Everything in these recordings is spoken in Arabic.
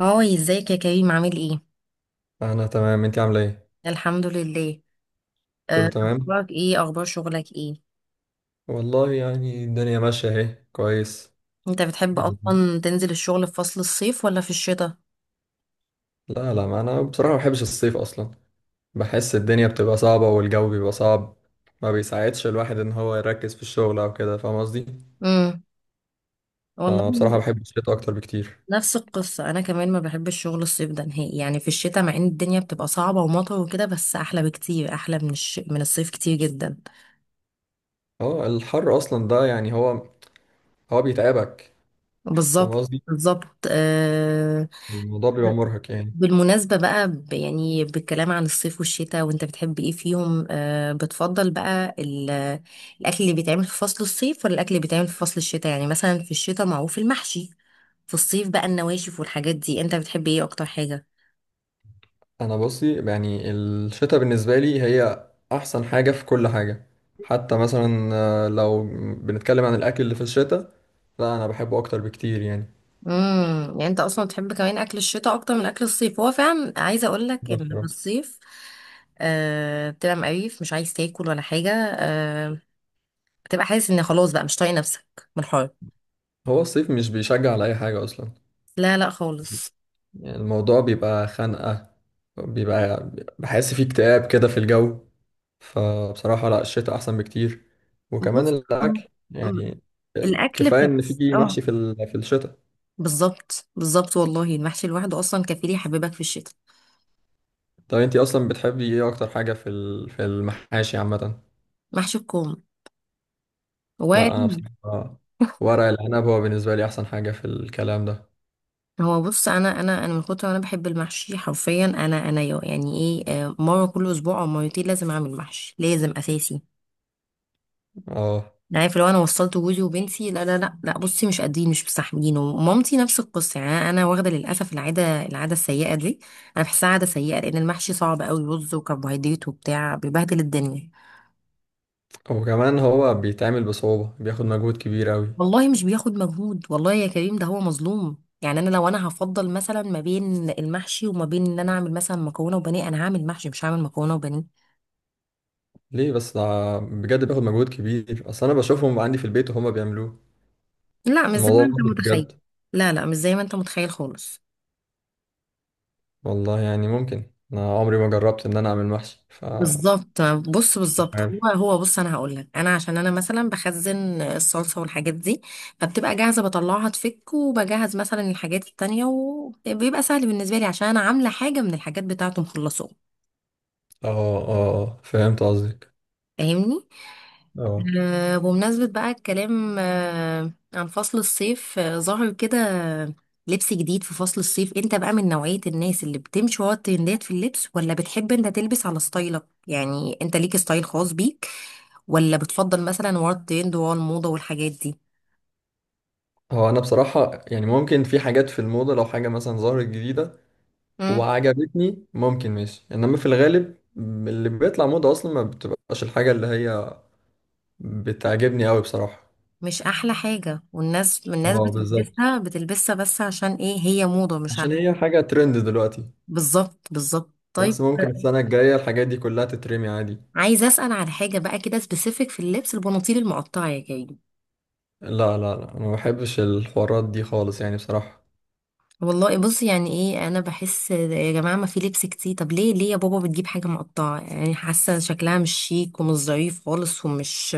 هاي ازيك يا كريم، عامل ايه؟ انا تمام، انت عامله ايه؟ الحمد لله. كله تمام. اخبارك ايه؟ اخبار شغلك ايه؟ والله يعني الدنيا ماشيه اهي كويس. انت بتحب بن- اصلا تنزل الشغل في فصل الصيف ولا في الشتاء؟ لا لا، ما انا بصراحه ما بحبش الصيف اصلا. بحس الدنيا بتبقى صعبه والجو بيبقى صعب، ما بيساعدش الواحد ان هو يركز في الشغل او كده، فاهم قصدي؟ امم والله. فبصراحه بحب الشتاء اكتر بكتير. نفس القصه، انا كمان ما بحبش شغل الصيف ده نهائي، يعني في الشتاء مع ان الدنيا بتبقى صعبه ومطر وكده بس احلى بكتير، احلى من من الصيف كتير جدا. اه، الحر اصلا ده يعني هو بيتعبك، فاهم بالظبط قصدي؟ بالظبط. الموضوع بيبقى مرهق يعني. بالمناسبة بقى، يعني بالكلام عن الصيف والشتاء وانت بتحب ايه فيهم، بتفضل بقى الأكل اللي بيتعمل في فصل الصيف ولا الأكل اللي بيتعمل في فصل الشتاء؟ يعني مثلا في الشتاء معروف المحشي، في الصيف بقى النواشف والحاجات دي، انت بتحب ايه أكتر حاجة؟ انا بصي، يعني الشتاء بالنسبه لي هي احسن حاجه في كل حاجه. حتى مثلا، لو بنتكلم عن الاكل اللي في الشتاء، لا انا بحبه اكتر بكتير يعني. يعني انت اصلا بتحب كمان اكل الشتاء اكتر من اكل الصيف، هو فعلا عايزه اقول لك ان في بصراحة. الصيف بتبقى مقريف، مش عايز تاكل ولا حاجه. آه بتبقى حاسس ان خلاص بقى مش طايق نفسك من الحر. هو الصيف مش بيشجع على اي حاجه اصلا. لا لا خالص. يعني الموضوع بيبقى خنقه، بيبقى، بحس فيه اكتئاب كده في الجو. فبصراحه لا، الشتاء احسن بكتير. وكمان بص، الاكل يعني، الاكل كفايه ان بس في اه. محشي في في الشتاء. بالظبط بالظبط، والله المحشي لوحده اصلا كفيل يحببك في الشتاء. طب انتي اصلا بتحبي ايه اكتر حاجه في في المحاشي عامه؟ محشي الكوم لا وارد. انا بصراحه، ورق العنب هو بالنسبه لي احسن حاجه في الكلام ده. هو بص، انا من كتر ما انا بحب المحشي حرفيا، انا انا يو- يعني ايه آه، مره كل اسبوع او مرتين لازم اعمل محشي، لازم اساسي. اه. أنا عارف، لو انا وصلت جوزي وبنتي لا بصي مش قادرين مش مستحملين، ومامتي نفس القصه، يعني انا واخده للاسف العاده السيئه دي. انا بحسها عاده سيئه لان المحشي صعب قوي، رز وكربوهيدرات وبتاع، بيبهدل الدنيا. وكمان هو بيتعمل بصعوبه، بياخد مجهود كبير قوي. والله مش بياخد مجهود، والله يا كريم ده هو مظلوم، يعني انا لو انا هفضل مثلا ما بين المحشي وما بين ان انا اعمل مثلا مكرونه وبانيه، انا هعمل محشي مش هعمل مكرونه وبانيه. ليه بس ده؟ بجد بياخد مجهود كبير، اصل انا بشوفهم عندي في البيت وهما بيعملوه. لا مش زي ما الموضوع انت ممكن متخيل. بجد. لا لا مش زي ما انت متخيل خالص. والله يعني ممكن انا عمري ما جربت ان انا اعمل محشي، ف بالظبط. بص مش بالظبط، هو عارف. هو بص، انا هقول لك، انا عشان انا مثلا بخزن الصلصه والحاجات دي، فبتبقى جاهزه، بطلعها تفك، وبجهز مثلا الحاجات التانية، وبيبقى سهل بالنسبه لي عشان انا عامله حاجه من الحاجات بتاعته مخلصه. اه. اه، فهمت قصدك. فاهمني. اه. بمناسبة بقى الكلام عن فصل الصيف، ظهر كده لبس جديد في فصل الصيف. انت بقى من نوعية الناس اللي بتمشي ورا الترندات في اللبس، ولا بتحب انت تلبس على ستايلك؟ يعني انت ليك ستايل خاص بيك، ولا بتفضل مثلا ورا الترند ورا الموضة والحاجات دي؟ هو انا بصراحه يعني ممكن في حاجات في الموضه، لو حاجه مثلا ظهرت جديده مم. وعجبتني ممكن ماشي، انما في الغالب اللي بيطلع موضة اصلا ما بتبقاش الحاجة اللي هي بتعجبني قوي بصراحة. مش احلى حاجة، والناس الناس اه بالظبط، بتلبسها بتلبسها بس عشان ايه، هي موضة مش عشان عارفة. هي حاجة ترند دلوقتي. بالظبط بالظبط، بس طيب. ممكن السنة الجاية الحاجات دي كلها تترمي عادي. عايزه اسال على حاجه بقى كده سبيسيفيك في اللبس، البناطيل المقطعه يا جاي؟ لا، لا انا ما بحبش الحوارات دي خالص يعني بصراحة. والله بص، يعني ايه، انا بحس يا جماعه ما في لبس كتير، طب ليه ليه يا بابا بتجيب حاجه مقطعه، يعني حاسه شكلها مش شيك ومش ظريف خالص ومش.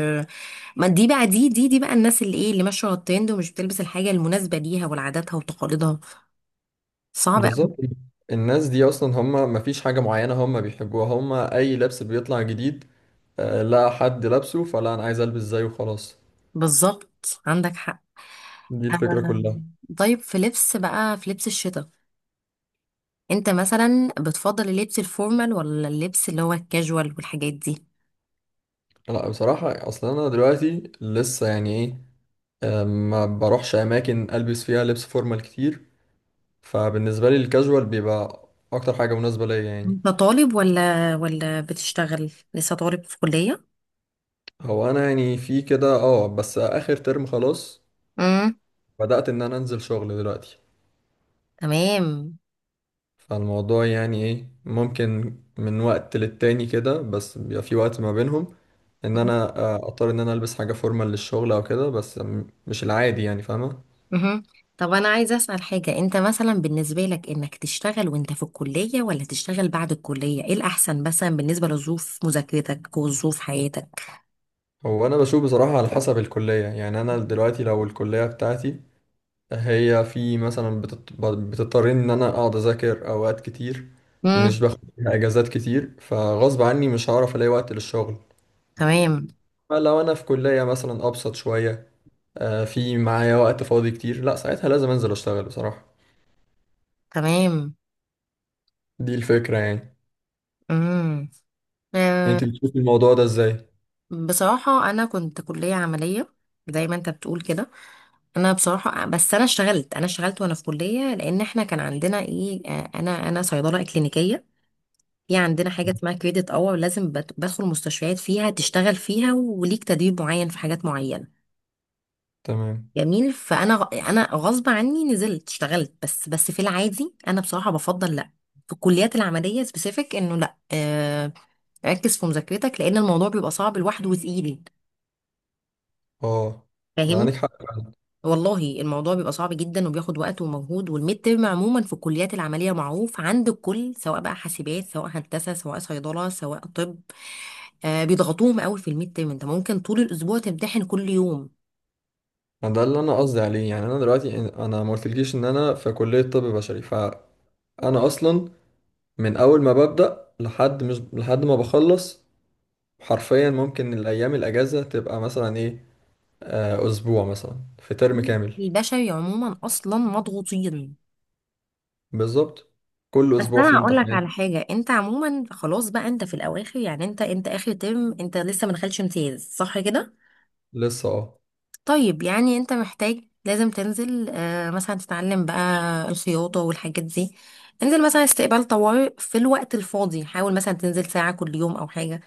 ما دي بقى دي بقى الناس اللي ايه، اللي ماشيه على الترند ومش بتلبس الحاجه المناسبه ليها ولعاداتها وتقاليدها. صعب قوي. بالظبط. الناس دي اصلا هم ما فيش حاجة معينة هم بيحبوها، هم اي لبس بيطلع جديد لا حد لابسه، فلا انا عايز البس زيه وخلاص. بالظبط عندك حق. دي الفكرة كلها. أم، طيب في لبس بقى، في لبس الشتاء انت مثلا بتفضل اللبس الفورمال ولا اللبس اللي هو الكاجوال والحاجات دي؟ لا بصراحة، اصلا انا دلوقتي لسه يعني ايه، ما بروحش اماكن البس فيها لبس فورمال كتير. فبالنسبه لي الكاجوال بيبقى اكتر حاجه مناسبه ليا يعني. انت طالب ولا بتشتغل؟ لسه طالب في كلية؟ هو انا يعني في كده اه، بس اخر ترم خلاص. امم بدات ان انا انزل شغل دلوقتي. تمام. فالموضوع يعني ايه ممكن من وقت للتاني كده، بس بيبقى في وقت ما بينهم ان انا اضطر ان انا البس حاجه فورمال للشغل او كده، بس مش العادي يعني، فاهمه؟ مهم. طب انا عايزه اسال حاجه، انت مثلا بالنسبه لك انك تشتغل وانت في الكليه ولا تشتغل بعد الكليه، ايه الاحسن مثلا بالنسبه لظروف مذاكرتك وظروف حياتك؟ هو انا بشوف بصراحه على حسب الكليه. يعني انا دلوقتي لو الكليه بتاعتي هي في مثلا بتضطر ان انا اقعد اذاكر اوقات كتير، مش امم باخد فيها اجازات كتير، فغصب عني مش هعرف الاقي وقت للشغل. تمام. فلو انا في كلية مثلا ابسط شوية، في معايا وقت فاضي كتير، لا ساعتها لازم انزل اشتغل بصراحة. تمام. دي الفكرة يعني. امم أه. انت بتشوفي الموضوع ده ازاي؟ بصراحه انا كنت كليه عمليه، زي ما انت بتقول كده. انا بصراحه، بس انا اشتغلت وانا في كليه، لان احنا كان عندنا ايه، انا صيدله كلينيكيه، في عندنا حاجه اسمها كريدت اور، لازم بدخل مستشفيات فيها، تشتغل فيها وليك تدريب معين في حاجات معينه. تمام. جميل. انا غصب عني نزلت اشتغلت، بس في العادي انا بصراحه بفضل لا، في الكليات العمليه سبيسيفيك انه لا ركز في مذاكرتك، لان الموضوع بيبقى صعب لوحده وتقيل. اه. ده فاهمني. عندك حق. والله الموضوع بيبقى صعب جدا وبياخد وقت ومجهود، والميد ترم عموما في الكليات العمليه معروف عند الكل، سواء بقى حاسبات، سواء هندسه، سواء صيدله، سواء طب، بيضغطوهم قوي في الميد ترم، انت ممكن طول الاسبوع تمتحن كل يوم. ده اللي انا قصدي عليه، يعني انا دلوقتي انا ما قلتلكيش ان انا في كلية طب بشري، فانا اصلا من اول ما ببدأ لحد مش لحد ما بخلص، حرفيا ممكن الأيام الأجازة تبقى مثلا إيه، أسبوع مثلا في ترم كامل. البشري عموما اصلا مضغوطين. بالظبط. كل بس أسبوع انا فيه هقول لك امتحان. على حاجه، انت عموما خلاص بقى، انت في الاواخر، يعني انت اخر ترم، انت لسه ما دخلتش امتياز صح كده؟ لسه أه. طيب، يعني انت محتاج لازم تنزل مثلا تتعلم بقى الخياطة والحاجات دي، انزل مثلا استقبال طوارئ في الوقت الفاضي، حاول مثلا تنزل ساعة كل يوم او حاجة،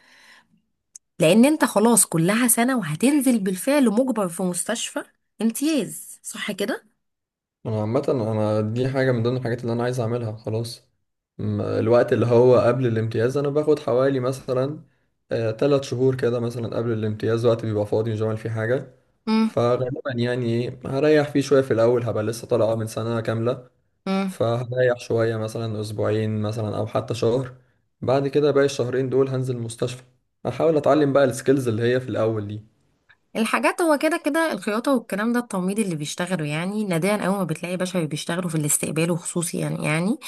لان انت خلاص كلها سنة وهتنزل بالفعل مجبر في مستشفى امتياز صح كده؟ أنا عامة أنا دي حاجة من ضمن الحاجات اللي أنا عايز أعملها خلاص. الوقت اللي هو قبل الامتياز أنا باخد حوالي مثلا، تلات شهور كده مثلا قبل الامتياز وقت بيبقى فاضي مش بعمل فيه حاجة. امم فغالبا يعني إيه هريح فيه شوية في الأول، هبقى لسه طالع من سنة كاملة. امم فهريح شوية مثلا أسبوعين مثلا أو حتى شهر، بعد كده باقي الشهرين دول هنزل المستشفى، أحاول أتعلم بقى السكيلز اللي هي في الأول دي. الحاجات هو كده كده، الخياطة والكلام ده، التمريض اللي بيشتغلوا، يعني نادرا اول ما بتلاقي بشر بيشتغلوا في الاستقبال وخصوصي، يعني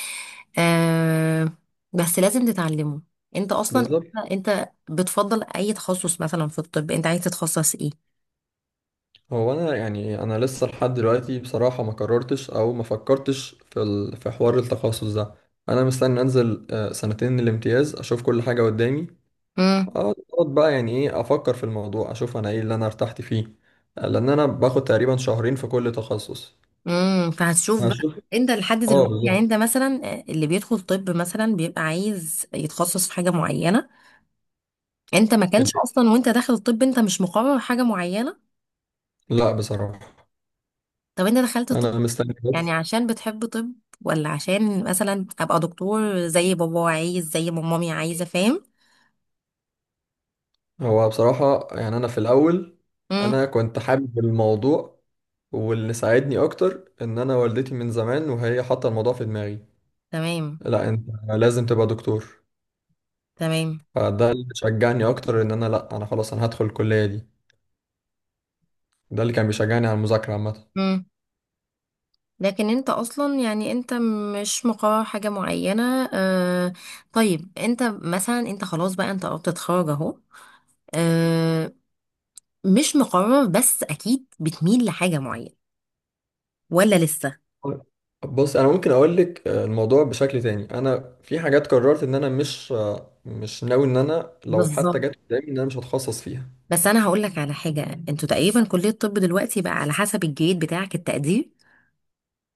آه بس لازم تتعلمه. انت اصلا بالظبط. انت بتفضل اي تخصص مثلا في الطب؟ انت عايز تتخصص ايه؟ هو أنا يعني أنا لسه لحد دلوقتي بصراحة ما قررتش أو ما فكرتش في ال... في حوار التخصص ده. أنا مستني أنزل سنتين الامتياز، أشوف كل حاجة قدامي. امم أقعد بقى يعني إيه أفكر في الموضوع، أشوف أنا إيه اللي أنا ارتحت فيه، لأن أنا باخد تقريبا شهرين في كل تخصص. فهتشوف بقى. هشوف. انت لحد اه دلوقتي يعني بالظبط. انت مثلا، اللي بيدخل طب مثلا بيبقى عايز يتخصص في حاجه معينه، انت ما كانش اصلا وانت داخل الطب انت مش مقرر حاجه معينه؟ لا بصراحة طب انت دخلت طب انا مستني يعني بس. عشان بتحب طب، ولا عشان مثلا ابقى دكتور زي بابا عايز، زي ما مامي عايزه، فاهم؟ هو بصراحة يعني انا في الاول، امم انا كنت حابب الموضوع، واللي ساعدني اكتر ان انا والدتي من زمان وهي حاطة الموضوع في دماغي، تمام. لا انت لازم تبقى دكتور. تمام. فده اللي شجعني اكتر ان انا لا انا خلاص انا هدخل الكلية دي. ده اللي كان بيشجعني على المذاكرة عامة. لكن انت اصلا يعني انت مش مقرر حاجة معينة. طيب، انت مثلا انت خلاص بقى، انت قربت تتخرج اهو، آه مش مقرر بس اكيد بتميل لحاجة معينة ولا لسه؟ طيب. بص انا ممكن اقول لك الموضوع بشكل تاني، انا في حاجات قررت ان انا مش مش ناوي ان انا لو حتى بالظبط. جت قدامي ان انا مش هتخصص فيها. بس انا هقول لك على حاجة، انتوا تقريبا كلية الطب دلوقتي بقى على حسب الجريد بتاعك، التقدير.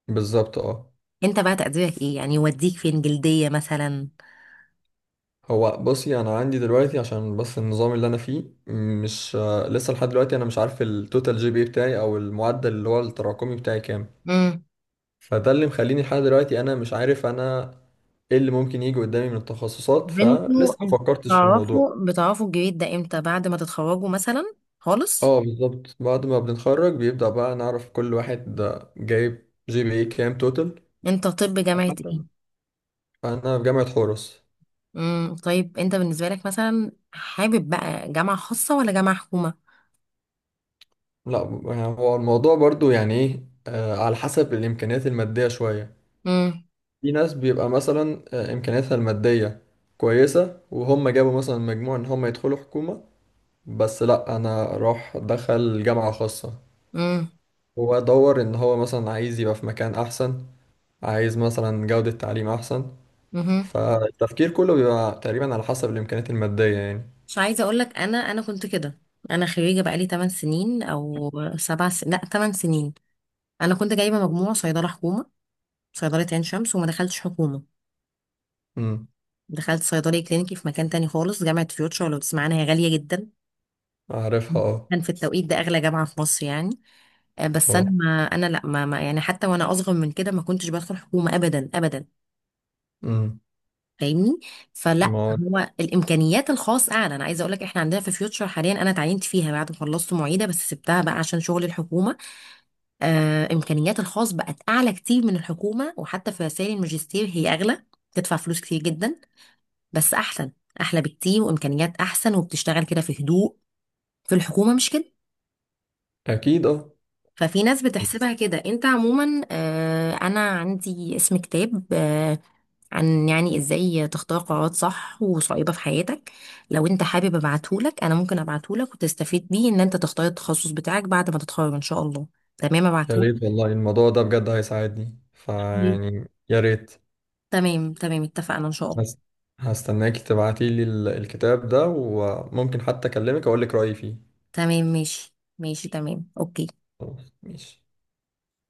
بالظبط اه. انت بقى تقديرك ايه، يعني يوديك فين، جلدية مثلا؟ هو بصي انا عندي دلوقتي عشان بس النظام اللي انا فيه مش لسه لحد دلوقتي انا مش عارف التوتال جي بي بتاعي او المعدل اللي هو التراكمي بتاعي كام. امم فده اللي مخليني لحد دلوقتي انا مش عارف انا ايه اللي ممكن يجي قدامي من التخصصات، فلسه بنتوا ما انت فكرتش في الموضوع. تعرفوا بتعرفوا الجريد ده امتى، بعد ما تتخرجوا مثلا خالص؟ اه بالظبط، بعد ما بنتخرج بيبدأ بقى نعرف كل واحد ده جايب جي بي اي كام توتال. انت طب جامعة ايه؟ مثلا انا في جامعة حورس. طيب، انت بالنسبه لك مثلا حابب بقى جامعه خاصه ولا جامعه حكومه؟ لا يعني هو الموضوع برضو يعني ايه على حسب الامكانيات المادية شوية. امم في ناس بيبقى مثلا إمكانياتها المادية كويسة وهم جابوا مثلا مجموع إن هم يدخلوا حكومة، بس لأ أنا أروح أدخل جامعة خاصة. امم هو دور إن هو مثلا عايز يبقى في مكان أحسن، عايز مثلا جودة تعليم أحسن. امم فالتفكير كله بيبقى تقريبا على حسب الإمكانيات المادية يعني. مش عايزه اقول لك، انا كنت كده. انا خريجه بقالي 8 سنين او 7 سنين، لا 8 سنين. انا كنت جايبه مجموع صيدله حكومه، صيدله عين شمس، وما دخلتش حكومه. أمم. دخلت صيدلي كلينيكي في مكان تاني خالص، جامعه فيوتشر لو تسمعنا هي غاليه جدا. أعرفها أه. كان في التوقيت ده اغلى جامعه في مصر يعني. بس انا أه. ما انا لا ما ما- يعني حتى وانا اصغر من كده ما كنتش بدخل حكومه ابدا ابدا. أمم. فاهمني. فلا. ما. هو الامكانيات الخاص اعلى، انا عايزه اقول لك احنا عندنا في فيوتشر حاليا، انا اتعينت فيها بعد ما خلصت معيده بس سبتها بقى عشان شغل الحكومه. امكانيات الخاص بقت اعلى كتير من الحكومه، وحتى في رسائل الماجستير هي اغلى، تدفع فلوس كتير جدا بس احسن. احلى بكتير وامكانيات احسن وبتشتغل كده في هدوء، في الحكومه مش كده. أكيد أه. ففي ناس بتحسبها كده. انت عموما انا عندي اسم كتاب عن يعني ازاي تختار قرارات صح وصعيبة في حياتك، لو انت حابب ابعتهولك انا ممكن ابعتهولك، وتستفيد بيه ان انت تختار التخصص بتاعك بعد ما تتخرج ان شاء الله. تمام، يا ابعتهولك. ريت والله، الموضوع ده بجد هيساعدني، طيب. فيعني يا ريت. تمام تمام، اتفقنا ان شاء الله. هس- هستناك تبعتي لي الكتاب ده، وممكن حتى اكلمك اقول لك رأيي فيه. تمام ماشي ماشي تمام اوكي. خلاص ماشي.